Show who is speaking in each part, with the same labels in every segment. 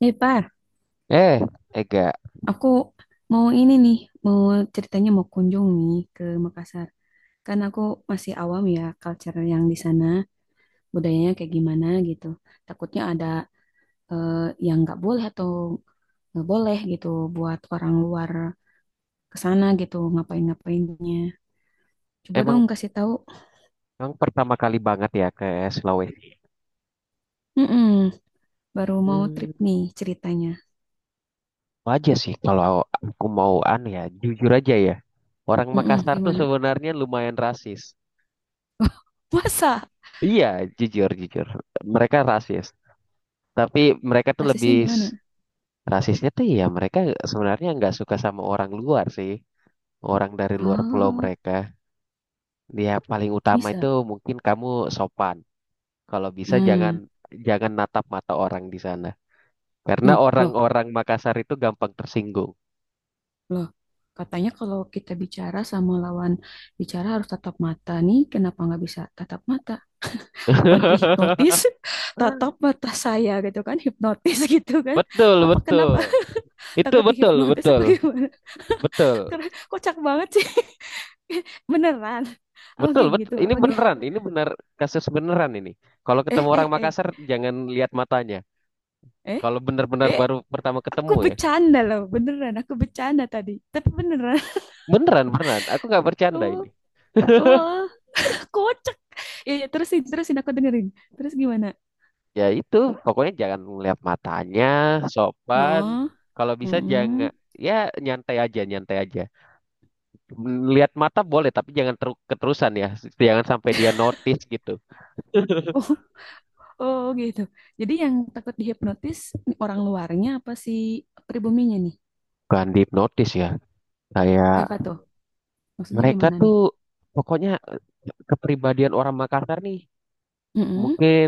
Speaker 1: Eh, Par,
Speaker 2: Eh, Ega,
Speaker 1: aku mau ini nih, mau ceritanya mau kunjung nih ke Makassar. Kan aku masih awam ya culture yang di sana, budayanya kayak gimana gitu. Takutnya ada eh, yang nggak boleh atau nggak boleh gitu buat orang luar ke sana gitu ngapain-ngapainnya. Coba
Speaker 2: emang
Speaker 1: dong kasih tahu.
Speaker 2: emang pertama kali banget ya ke Sulawesi.
Speaker 1: Mm-mm, baru mau
Speaker 2: Hmm,
Speaker 1: trip nih ceritanya.
Speaker 2: Wajar sih kalau aku mau an ya, jujur aja ya. Orang
Speaker 1: Mm-mm,
Speaker 2: Makassar tuh
Speaker 1: gimana?
Speaker 2: sebenarnya lumayan rasis.
Speaker 1: Puasa?
Speaker 2: Iya, jujur jujur. Mereka rasis, tapi mereka tuh
Speaker 1: Rasisnya
Speaker 2: lebih
Speaker 1: gimana?
Speaker 2: s- Rasisnya tuh ya mereka sebenarnya nggak suka sama orang luar sih, orang dari luar pulau
Speaker 1: Oh,
Speaker 2: mereka. Ya paling utama itu
Speaker 1: bisa.
Speaker 2: mungkin kamu sopan. Kalau bisa jangan
Speaker 1: Hmm.
Speaker 2: jangan natap mata orang di sana. Karena
Speaker 1: Hmm, loh.
Speaker 2: orang-orang Makassar itu gampang tersinggung.
Speaker 1: Loh, katanya kalau kita bicara sama lawan bicara harus tatap mata nih, kenapa nggak bisa tatap mata? Apa dihipnotis? Tatap mata saya gitu kan, hipnotis gitu kan.
Speaker 2: Betul,
Speaker 1: Apa
Speaker 2: betul.
Speaker 1: kenapa
Speaker 2: Itu
Speaker 1: takut
Speaker 2: betul,
Speaker 1: dihipnotis apa
Speaker 2: betul.
Speaker 1: gimana?
Speaker 2: Betul.
Speaker 1: Karena kocak banget sih. Beneran. Apa
Speaker 2: Betul,
Speaker 1: kayak
Speaker 2: betul.
Speaker 1: gitu?
Speaker 2: Ini
Speaker 1: Apa gitu?
Speaker 2: beneran, ini benar kasus beneran ini. Kalau ketemu
Speaker 1: Eh,
Speaker 2: orang
Speaker 1: eh, eh,
Speaker 2: Makassar jangan lihat matanya.
Speaker 1: eh,
Speaker 2: Kalau benar-benar
Speaker 1: eh.
Speaker 2: baru pertama
Speaker 1: Aku
Speaker 2: ketemu ya.
Speaker 1: bercanda loh, beneran. Aku bercanda tadi. Tapi beneran.
Speaker 2: Beneran, beneran. Aku nggak bercanda
Speaker 1: Oh,
Speaker 2: ini.
Speaker 1: oh, kocak. Ya, ya, terusin, terusin aku dengerin. Terus gimana?
Speaker 2: Ya itu, pokoknya jangan lihat matanya, sopan.
Speaker 1: Oh,
Speaker 2: Kalau bisa jangan
Speaker 1: mm-mm.
Speaker 2: ya nyantai aja, nyantai aja. Lihat mata boleh, tapi jangan keterusan ya. Jangan sampai dia notice gitu.
Speaker 1: Oh, oh gitu. Jadi yang takut dihipnotis orang luarnya apa si pribuminya nih?
Speaker 2: Bukan dihipnotis ya. Kayak
Speaker 1: Apa tuh? Maksudnya
Speaker 2: mereka
Speaker 1: gimana nih?
Speaker 2: tuh pokoknya kepribadian orang Makassar nih
Speaker 1: Mm-mm.
Speaker 2: mungkin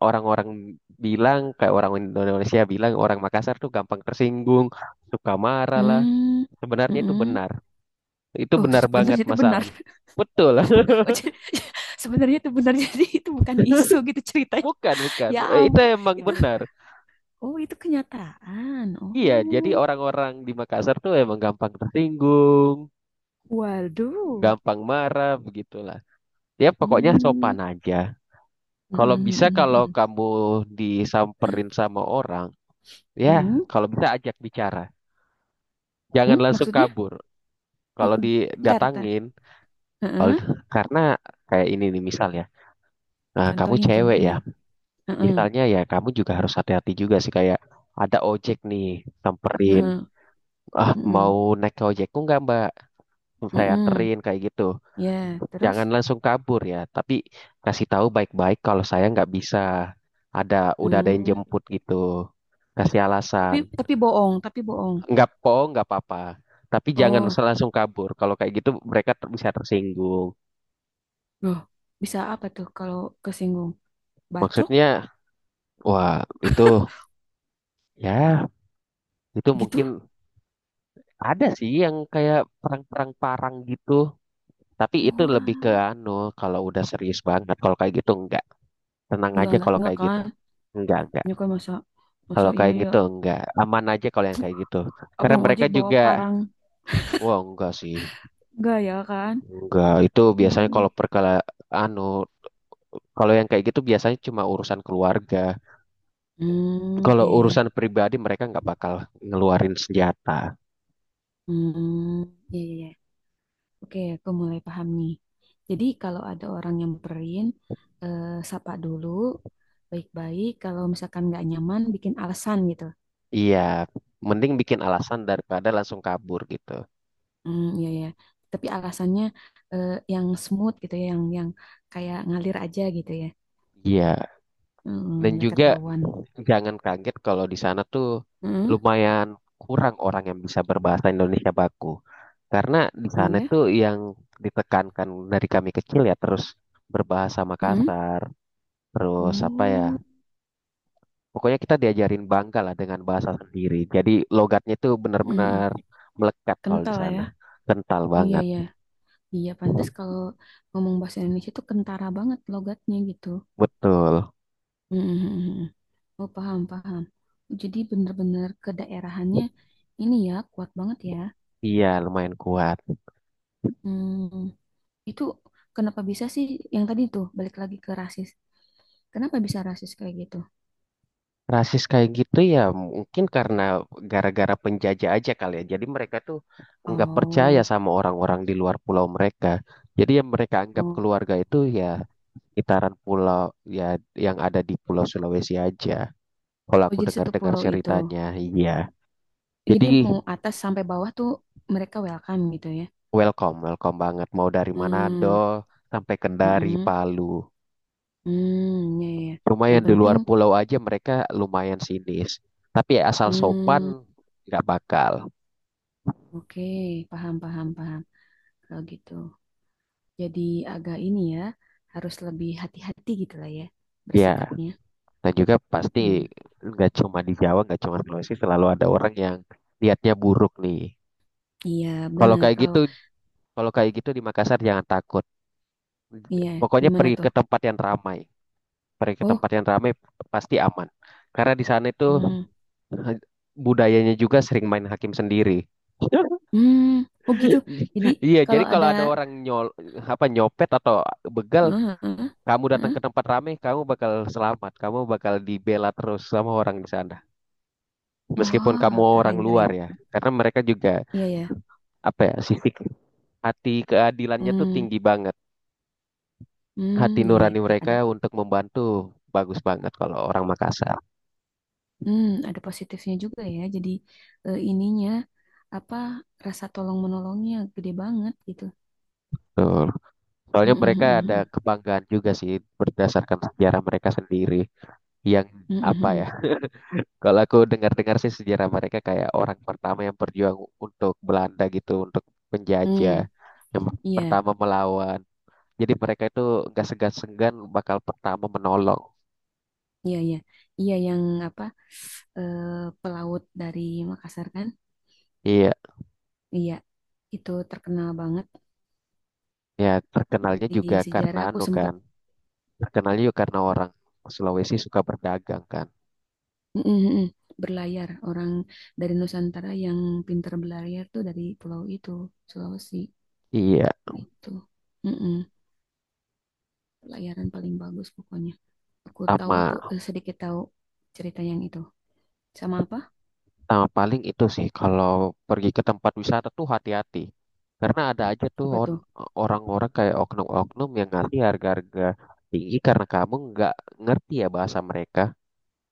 Speaker 2: orang-orang bilang kayak orang Indonesia bilang orang Makassar tuh gampang tersinggung, suka marah lah.
Speaker 1: Mm.
Speaker 2: Sebenarnya itu
Speaker 1: Mm-mm.
Speaker 2: benar. Itu
Speaker 1: Oh,
Speaker 2: benar banget
Speaker 1: sebenarnya itu benar.
Speaker 2: masalahnya. Betul.
Speaker 1: Oh, jadi, sebenarnya itu benar. Jadi itu bukan isu gitu ceritanya.
Speaker 2: Bukan, bukan.
Speaker 1: Ya
Speaker 2: Eh, itu
Speaker 1: ampun.
Speaker 2: emang
Speaker 1: Itu,
Speaker 2: benar.
Speaker 1: oh, itu kenyataan.
Speaker 2: Iya, jadi
Speaker 1: Oh,
Speaker 2: orang-orang di Makassar tuh emang gampang tersinggung,
Speaker 1: waduh.
Speaker 2: gampang marah, begitulah. Ya pokoknya
Speaker 1: Hmm.
Speaker 2: sopan aja. Kalau
Speaker 1: Mm-mm,
Speaker 2: bisa kalau
Speaker 1: mm-mm,
Speaker 2: kamu disamperin sama orang, ya
Speaker 1: mm-mm.
Speaker 2: kalau bisa ajak bicara. Jangan
Speaker 1: Mm,
Speaker 2: langsung
Speaker 1: maksudnya?
Speaker 2: kabur. Kalau
Speaker 1: Mm-mm. Ntar, ntar.
Speaker 2: didatangin, kalau-
Speaker 1: Heeh.
Speaker 2: karena kayak ini nih misal ya. Nah, kamu
Speaker 1: Contohin,
Speaker 2: cewek ya.
Speaker 1: contohin. Heeh.
Speaker 2: Misalnya ya kamu juga harus hati-hati juga sih kayak ada ojek nih samperin.
Speaker 1: Heeh,
Speaker 2: Ah,
Speaker 1: heeh,
Speaker 2: mau naik ke ojekku nggak Mbak? Hmm. Saya
Speaker 1: heeh.
Speaker 2: anterin kayak gitu.
Speaker 1: Ya,
Speaker 2: Jangan
Speaker 1: terus?
Speaker 2: langsung kabur ya, tapi kasih tahu baik-baik kalau saya nggak bisa. Ada udah ada yang
Speaker 1: Hmm,
Speaker 2: jemput gitu. Kasih
Speaker 1: tapi
Speaker 2: alasan.
Speaker 1: tapi bohong, tapi bohong.
Speaker 2: Nggak po, nggak apa-apa. Tapi jangan
Speaker 1: Oh,
Speaker 2: langsung kabur. Kalau kayak gitu mereka bisa tersinggung.
Speaker 1: loh, bisa apa tuh kalau kesinggung? Bacok
Speaker 2: Maksudnya, wah itu ya itu mungkin
Speaker 1: gitu?
Speaker 2: ada sih yang kayak perang-perang parang gitu. Tapi itu lebih ke
Speaker 1: Wah,
Speaker 2: anu kalau udah serius banget. Kalau kayak gitu enggak. Tenang
Speaker 1: enggak
Speaker 2: aja
Speaker 1: enggak
Speaker 2: kalau
Speaker 1: enggak
Speaker 2: kayak gitu.
Speaker 1: kan?
Speaker 2: Enggak, enggak.
Speaker 1: Nyokap masa masa
Speaker 2: Kalau
Speaker 1: iya
Speaker 2: kayak
Speaker 1: ya.
Speaker 2: gitu enggak aman aja kalau yang kayak gitu. Karena
Speaker 1: Abang
Speaker 2: mereka
Speaker 1: ojek bawa
Speaker 2: juga
Speaker 1: parang
Speaker 2: wah enggak sih.
Speaker 1: enggak ya kan?
Speaker 2: Enggak, itu biasanya
Speaker 1: Hmm,
Speaker 2: kalau perkala anu kalau yang kayak gitu biasanya cuma urusan keluarga.
Speaker 1: hmm,
Speaker 2: Kalau
Speaker 1: iya, iya.
Speaker 2: urusan pribadi mereka nggak bakal ngeluarin senjata.
Speaker 1: Hmm, iya, iya, iya. Oke, aku mulai paham nih. Jadi kalau ada orang nyamperin, eh, sapa dulu, baik-baik. Kalau misalkan nggak nyaman, bikin alasan gitu.
Speaker 2: Iya, mending bikin alasan daripada langsung kabur gitu.
Speaker 1: Hmm, iya ya. Tapi alasannya yang smooth gitu ya, yang kayak ngalir aja gitu ya.
Speaker 2: Iya,
Speaker 1: Hmm,
Speaker 2: dan
Speaker 1: nggak
Speaker 2: juga
Speaker 1: ketahuan.
Speaker 2: jangan kaget kalau di sana tuh
Speaker 1: Hmm,
Speaker 2: lumayan kurang orang yang bisa berbahasa Indonesia baku. Karena di
Speaker 1: oh
Speaker 2: sana
Speaker 1: ya.
Speaker 2: tuh yang ditekankan dari kami kecil ya terus berbahasa
Speaker 1: Hmm,
Speaker 2: Makassar, terus apa ya?
Speaker 1: oh,
Speaker 2: Pokoknya kita diajarin bangga lah dengan bahasa sendiri. Jadi logatnya tuh
Speaker 1: hmm, hmm.
Speaker 2: benar-benar melekat kalau di
Speaker 1: Kental
Speaker 2: sana.
Speaker 1: ya.
Speaker 2: Kental
Speaker 1: Iya
Speaker 2: banget.
Speaker 1: ya. Iya, pantas kalau ngomong bahasa Indonesia tuh kentara banget logatnya gitu.
Speaker 2: Betul.
Speaker 1: Mhm, mhm, mhm. Oh, paham, paham. Jadi benar-benar kedaerahannya ini ya kuat banget ya.
Speaker 2: Iya, lumayan kuat.
Speaker 1: Hmm, itu kenapa bisa sih yang tadi tuh balik lagi ke rasis? Kenapa bisa rasis kayak gitu?
Speaker 2: Rasis kayak gitu ya mungkin karena gara-gara penjajah aja kali ya. Jadi mereka tuh nggak percaya
Speaker 1: Oh,
Speaker 2: sama orang-orang di luar pulau mereka. Jadi yang mereka anggap
Speaker 1: oh,
Speaker 2: keluarga itu ya itaran pulau ya yang ada di Pulau Sulawesi aja. Kalau
Speaker 1: oh,
Speaker 2: aku
Speaker 1: jadi satu
Speaker 2: dengar-dengar
Speaker 1: pulau itu.
Speaker 2: ceritanya, iya. Jadi
Speaker 1: Jadi mau atas sampai bawah tuh mereka welcome gitu ya.
Speaker 2: welcome, welcome banget. Mau dari
Speaker 1: Hmm,
Speaker 2: Manado sampai Kendari,
Speaker 1: mm-mm, hmm,
Speaker 2: Palu.
Speaker 1: hmm, ya, ya, ya.
Speaker 2: Lumayan
Speaker 1: Yang
Speaker 2: di
Speaker 1: penting,
Speaker 2: luar pulau aja mereka lumayan sinis. Tapi asal
Speaker 1: hmm,
Speaker 2: sopan nggak bakal.
Speaker 1: oke, paham, paham, paham. Kalau gitu. Jadi agak ini ya, harus lebih hati-hati gitu lah ya
Speaker 2: Ya.
Speaker 1: bersikapnya.
Speaker 2: Dan juga pasti
Speaker 1: Mm-mm.
Speaker 2: nggak cuma di Jawa, nggak cuma Sulawesi, selalu ada orang yang lihatnya buruk nih.
Speaker 1: Iya,
Speaker 2: Kalau
Speaker 1: benar.
Speaker 2: kayak
Speaker 1: Kalau
Speaker 2: gitu, kalau kayak gitu di Makassar jangan takut.
Speaker 1: iya,
Speaker 2: Pokoknya
Speaker 1: gimana
Speaker 2: pergi
Speaker 1: tuh?
Speaker 2: ke tempat yang ramai, pergi ke
Speaker 1: Oh,
Speaker 2: tempat yang ramai pasti aman. Karena di sana itu
Speaker 1: mm,
Speaker 2: eh, budayanya juga sering main hakim sendiri.
Speaker 1: mm, oh gitu. Jadi
Speaker 2: Iya, jadi
Speaker 1: kalau
Speaker 2: kalau
Speaker 1: ada,
Speaker 2: ada orang apa nyopet atau begal,
Speaker 1: eh, eh,
Speaker 2: kamu datang
Speaker 1: eh,
Speaker 2: ke tempat ramai, kamu bakal selamat, kamu bakal dibela terus sama orang di sana. Meskipun
Speaker 1: wah,
Speaker 2: kamu orang
Speaker 1: keren,
Speaker 2: luar
Speaker 1: keren.
Speaker 2: ya, karena mereka juga,
Speaker 1: Iya ya,
Speaker 2: apa ya, sifik hati keadilannya tuh
Speaker 1: mm,
Speaker 2: tinggi banget. Hati
Speaker 1: mm, iya ya.
Speaker 2: nurani
Speaker 1: Ada,
Speaker 2: mereka untuk membantu bagus banget kalau orang Makassar
Speaker 1: ada positifnya juga ya. Jadi ininya apa rasa tolong menolongnya gede banget gitu.
Speaker 2: tuh.
Speaker 1: Mm,
Speaker 2: Soalnya mereka ada
Speaker 1: mm, mm,
Speaker 2: kebanggaan juga sih berdasarkan sejarah mereka sendiri yang,
Speaker 1: mm, mm,
Speaker 2: apa ya,
Speaker 1: mm,
Speaker 2: kalau aku dengar-dengar sih sejarah mereka kayak orang pertama yang berjuang untuk Belanda gitu, untuk
Speaker 1: mm,
Speaker 2: penjajah
Speaker 1: mm.
Speaker 2: yang
Speaker 1: Iya.
Speaker 2: pertama melawan. Jadi mereka itu nggak segan-segan bakal pertama menolong.
Speaker 1: Iya, iya. Iya yang apa eh, pelaut dari Makassar kan?
Speaker 2: Iya.
Speaker 1: Iya. Itu terkenal banget
Speaker 2: Ya, terkenalnya juga
Speaker 1: di
Speaker 2: karena
Speaker 1: sejarah. Aku
Speaker 2: anu
Speaker 1: sempet.
Speaker 2: kan. Terkenalnya juga karena orang Sulawesi suka berdagang kan.
Speaker 1: Mm, mm, mm. Berlayar orang dari Nusantara yang pintar berlayar tuh dari pulau itu, Sulawesi
Speaker 2: Iya,
Speaker 1: gitu. Mm, mm. Pelayaran paling bagus pokoknya. Aku tahu
Speaker 2: sama,
Speaker 1: tuh sedikit tahu cerita yang itu. Sama apa?
Speaker 2: sama paling itu sih kalau pergi ke tempat wisata tuh hati-hati. Karena ada aja tuh
Speaker 1: Apa tuh?
Speaker 2: orang-orang kayak oknum-oknum yang ngasih harga-harga tinggi karena kamu nggak ngerti ya bahasa mereka.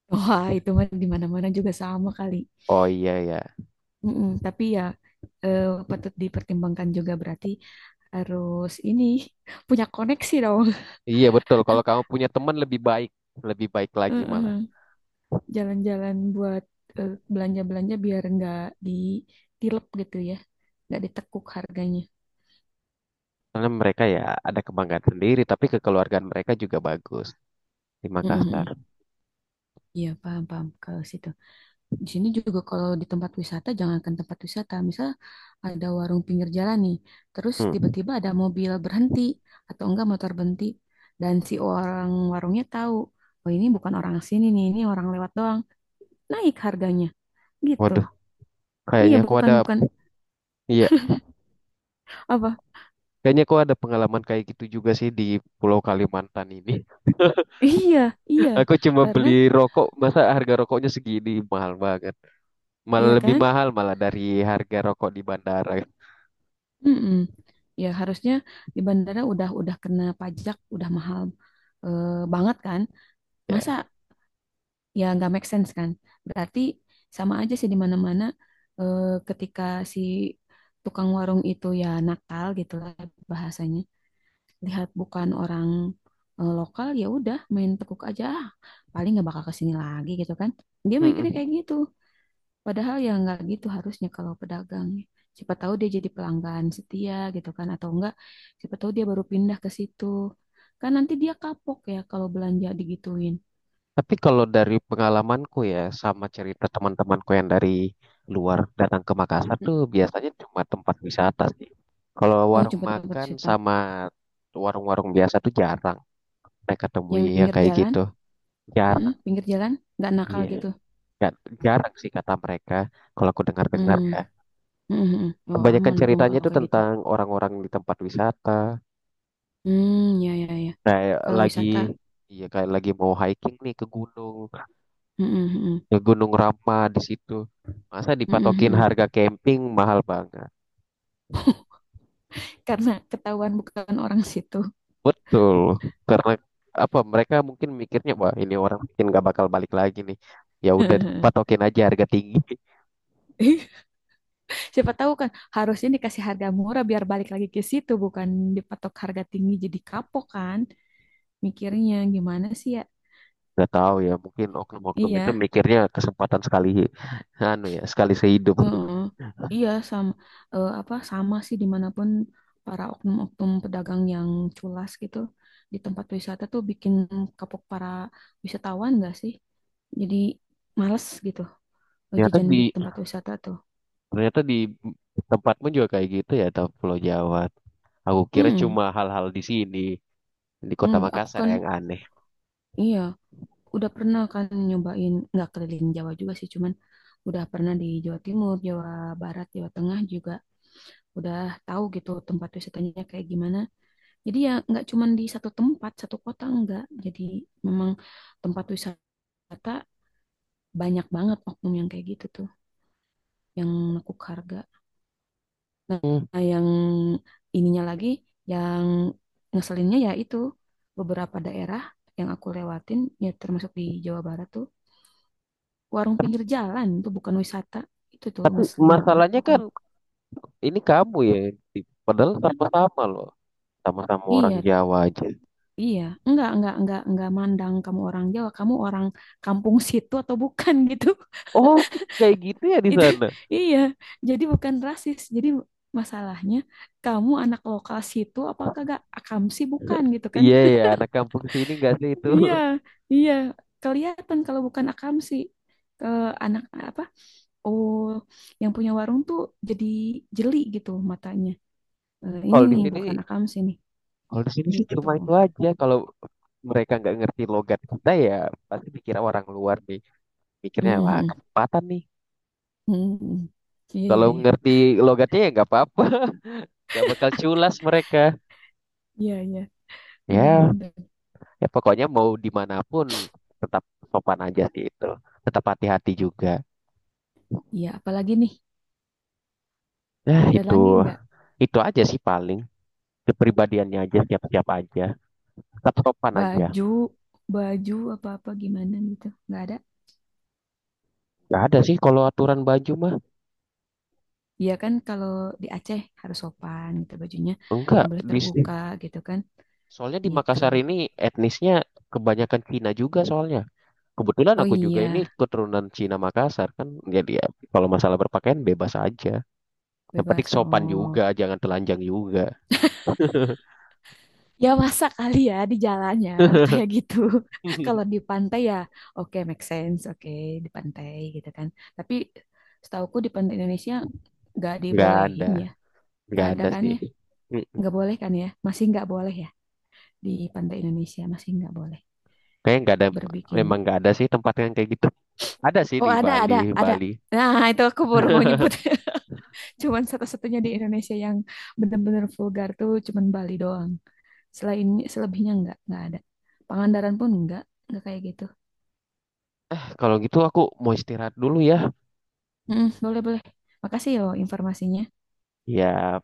Speaker 1: Wah, itu mah di mana-mana juga sama kali.
Speaker 2: Oh iya ya.
Speaker 1: Mm-mm, tapi ya eh, patut dipertimbangkan juga berarti harus ini punya koneksi dong.
Speaker 2: Iya betul, kalau kamu punya teman lebih baik lagi malah.
Speaker 1: Heeh. Jalan-jalan buat belanja-belanja biar nggak ditilep gitu ya, nggak ditekuk harganya.
Speaker 2: Karena mereka ya ada kebanggaan sendiri, tapi kekeluargaan mereka juga bagus di Makassar.
Speaker 1: Mm-mm. Iya, paham, paham kalau situ. Di sini juga kalau di tempat wisata, jangankan tempat wisata, misal ada warung pinggir jalan nih, terus tiba-tiba ada mobil berhenti atau enggak motor berhenti, dan si orang warungnya tahu, oh ini bukan orang sini nih, ini orang lewat doang, naik harganya, gitu.
Speaker 2: Hmm.
Speaker 1: Iya,
Speaker 2: Kayaknya aku
Speaker 1: bukan
Speaker 2: ada,
Speaker 1: bukan
Speaker 2: iya,
Speaker 1: apa?
Speaker 2: kayaknya aku ada pengalaman kayak gitu juga sih di Pulau Kalimantan ini.
Speaker 1: Iya, iya,
Speaker 2: Aku cuma
Speaker 1: karena
Speaker 2: beli rokok, masa harga rokoknya segini mahal banget. Malah
Speaker 1: iya
Speaker 2: lebih
Speaker 1: kan.
Speaker 2: mahal malah dari harga rokok di bandara.
Speaker 1: Mm-mm. Ya harusnya di bandara udah kena pajak, udah mahal eh, banget kan, masa
Speaker 2: Ya.
Speaker 1: ya nggak make sense kan berarti sama aja sih di mana-mana eh, ketika si tukang warung itu ya nakal gitu lah bahasanya lihat bukan orang lokal ya udah main tekuk aja. Ah, paling nggak bakal kesini lagi gitu kan dia mikirnya
Speaker 2: Mm-mm.
Speaker 1: kayak gitu padahal ya nggak gitu harusnya kalau pedagang ya. Siapa tahu dia jadi pelanggan setia gitu kan atau enggak siapa tahu dia baru pindah ke situ kan nanti dia kapok ya kalau belanja digituin.
Speaker 2: Tapi kalau dari pengalamanku ya, sama cerita teman-temanku yang dari luar datang ke Makassar
Speaker 1: Hmm.
Speaker 2: tuh biasanya cuma tempat wisata sih. Kalau
Speaker 1: Oh,
Speaker 2: warung
Speaker 1: cuma dapat
Speaker 2: makan
Speaker 1: cerita.
Speaker 2: sama warung-warung biasa tuh jarang mereka
Speaker 1: Yang
Speaker 2: temui
Speaker 1: di
Speaker 2: yang
Speaker 1: pinggir
Speaker 2: kayak
Speaker 1: jalan,
Speaker 2: gitu.
Speaker 1: mm-mm,
Speaker 2: Jarang.
Speaker 1: pinggir jalan, nggak nakal
Speaker 2: Iya.
Speaker 1: gitu.
Speaker 2: Nggak- Jarang sih kata mereka, kalau aku dengar-dengar
Speaker 1: Hmm,
Speaker 2: ya.
Speaker 1: mm-mm-mm. Oh,
Speaker 2: Kebanyakan
Speaker 1: aman dong
Speaker 2: ceritanya
Speaker 1: kalau
Speaker 2: itu
Speaker 1: kayak gitu.
Speaker 2: tentang orang-orang di tempat wisata,
Speaker 1: Hmm, ya, ya, ya.
Speaker 2: kayak
Speaker 1: Kalau
Speaker 2: lagi,
Speaker 1: wisata,
Speaker 2: iya kayak lagi mau hiking nih
Speaker 1: mm-mm-mm,
Speaker 2: ke Gunung Rama di situ. Masa dipatokin
Speaker 1: mm-mm-mm.
Speaker 2: harga camping mahal banget.
Speaker 1: Karena ketahuan bukan orang situ.
Speaker 2: Betul, karena apa? Mereka mungkin mikirnya, wah ini orang mungkin nggak bakal balik lagi nih. Ya udah patokin aja harga tinggi.
Speaker 1: Siapa tahu kan harusnya dikasih harga murah biar balik lagi ke situ, bukan dipatok harga tinggi jadi kapok kan mikirnya gimana sih ya?
Speaker 2: Nggak tahu ya, mungkin oknum-oknum itu
Speaker 1: Iya,
Speaker 2: mikirnya kesempatan sekali, anu ya, sekali sehidup.
Speaker 1: heeh. Iya sama apa sama sih dimanapun para oknum-oknum pedagang yang culas gitu di tempat wisata tuh bikin kapok para wisatawan gak sih? Jadi males gitu
Speaker 2: Ternyata
Speaker 1: jajan di
Speaker 2: di
Speaker 1: tempat wisata tuh.
Speaker 2: Ternyata di tempatmu juga kayak gitu ya, atau Pulau Jawa. Aku kira cuma
Speaker 1: Mm-mm.
Speaker 2: hal-hal di sini, di Kota
Speaker 1: Enggak, aku
Speaker 2: Makassar
Speaker 1: kan
Speaker 2: yang aneh.
Speaker 1: iya udah pernah kan nyobain nggak keliling Jawa juga sih cuman udah pernah di Jawa Timur, Jawa Barat, Jawa Tengah juga udah tahu gitu tempat wisatanya kayak gimana. Jadi ya nggak cuma di satu tempat, satu kota enggak. Jadi memang tempat wisata banyak banget oknum yang kayak gitu tuh, yang nekuk harga. Nah,
Speaker 2: Hmm.
Speaker 1: nah, yang ininya lagi, yang ngeselinnya ya itu beberapa daerah yang aku lewatin, ya termasuk di Jawa Barat tuh, warung pinggir jalan tuh bukan wisata, itu tuh ngeselin banget
Speaker 2: Masalahnya kan
Speaker 1: pokoknya.
Speaker 2: ini kamu ya, yang padahal sama-sama loh, sama-sama orang
Speaker 1: Iya,
Speaker 2: Jawa aja.
Speaker 1: iya, enggak mandang kamu orang Jawa, kamu orang kampung situ atau bukan gitu.
Speaker 2: Oh, kayak gitu ya di
Speaker 1: Itu
Speaker 2: sana.
Speaker 1: iya, jadi bukan rasis. Jadi masalahnya kamu anak lokal situ apakah gak akamsi bukan gitu kan?
Speaker 2: Iya ya, anak kampung sini nggak sih itu.
Speaker 1: Iya, iya, kelihatan kalau bukan akamsi ke anak apa? Oh, yang punya warung tuh jadi jeli gitu matanya. Eh, ini
Speaker 2: Kalau di
Speaker 1: nih
Speaker 2: sini,
Speaker 1: bukan akamsi nih
Speaker 2: kalau di sini sih
Speaker 1: gitu.
Speaker 2: cuma itu aja. Kalau mereka nggak ngerti logat kita ya, pasti dikira orang luar nih. Mikirnya wah
Speaker 1: Mm-mm.
Speaker 2: kesempatan nih.
Speaker 1: Mm-mm. Iya, iya,
Speaker 2: Kalau
Speaker 1: iya.
Speaker 2: ngerti logatnya ya nggak apa-apa. Gak bakal culas mereka.
Speaker 1: Iya, iya.
Speaker 2: Ya,
Speaker 1: Bener-bener.
Speaker 2: ya pokoknya mau dimanapun tetap sopan aja sih itu. Tetap hati-hati juga.
Speaker 1: Iya, apalagi nih?
Speaker 2: Nah
Speaker 1: Ada
Speaker 2: itu,
Speaker 1: lagi nggak
Speaker 2: itu aja sih paling. Kepribadiannya aja, siap-siap aja. Tetap sopan aja.
Speaker 1: baju baju apa-apa gimana gitu nggak ada.
Speaker 2: Gak ada sih kalau aturan baju mah.
Speaker 1: Iya kan kalau di Aceh harus sopan gitu bajunya
Speaker 2: Enggak,
Speaker 1: nggak boleh
Speaker 2: di
Speaker 1: terbuka gitu kan
Speaker 2: soalnya di
Speaker 1: gitu.
Speaker 2: Makassar ini etnisnya kebanyakan Cina juga soalnya. Kebetulan
Speaker 1: Oh
Speaker 2: aku juga
Speaker 1: iya,
Speaker 2: ini keturunan Cina Makassar kan. Jadi ya, kalau masalah berpakaian bebas aja. Yang penting
Speaker 1: bebas,
Speaker 2: sopan
Speaker 1: oh
Speaker 2: juga, jangan telanjang juga.
Speaker 1: ya masa kali ya di jalannya kayak gitu. Kalau di pantai ya, oke, make sense, oke, di pantai gitu kan, tapi setauku di pantai Indonesia nggak
Speaker 2: Nggak
Speaker 1: dibolehin
Speaker 2: ada
Speaker 1: ya. Nggak
Speaker 2: nggak
Speaker 1: ada
Speaker 2: ada
Speaker 1: kan
Speaker 2: sih.
Speaker 1: ya,
Speaker 2: Mm,
Speaker 1: nggak boleh kan ya, masih nggak boleh ya, di pantai Indonesia masih nggak boleh
Speaker 2: Kayaknya nggak ada, memang
Speaker 1: berbikini.
Speaker 2: nggak ada sih tempat yang kayak gitu. Ada sih
Speaker 1: Oh,
Speaker 2: di
Speaker 1: ada, ada,
Speaker 2: Bali
Speaker 1: ada.
Speaker 2: Bali
Speaker 1: Nah itu aku baru mau nyebut. Cuman satu-satunya di Indonesia yang benar-benar vulgar tuh cuman Bali doang. Selain selebihnya nggak ada. Pangandaran pun nggak kayak gitu.
Speaker 2: Kalau gitu aku mau istirahat dulu ya
Speaker 1: Mm, boleh, boleh. Makasih yo informasinya.
Speaker 2: ya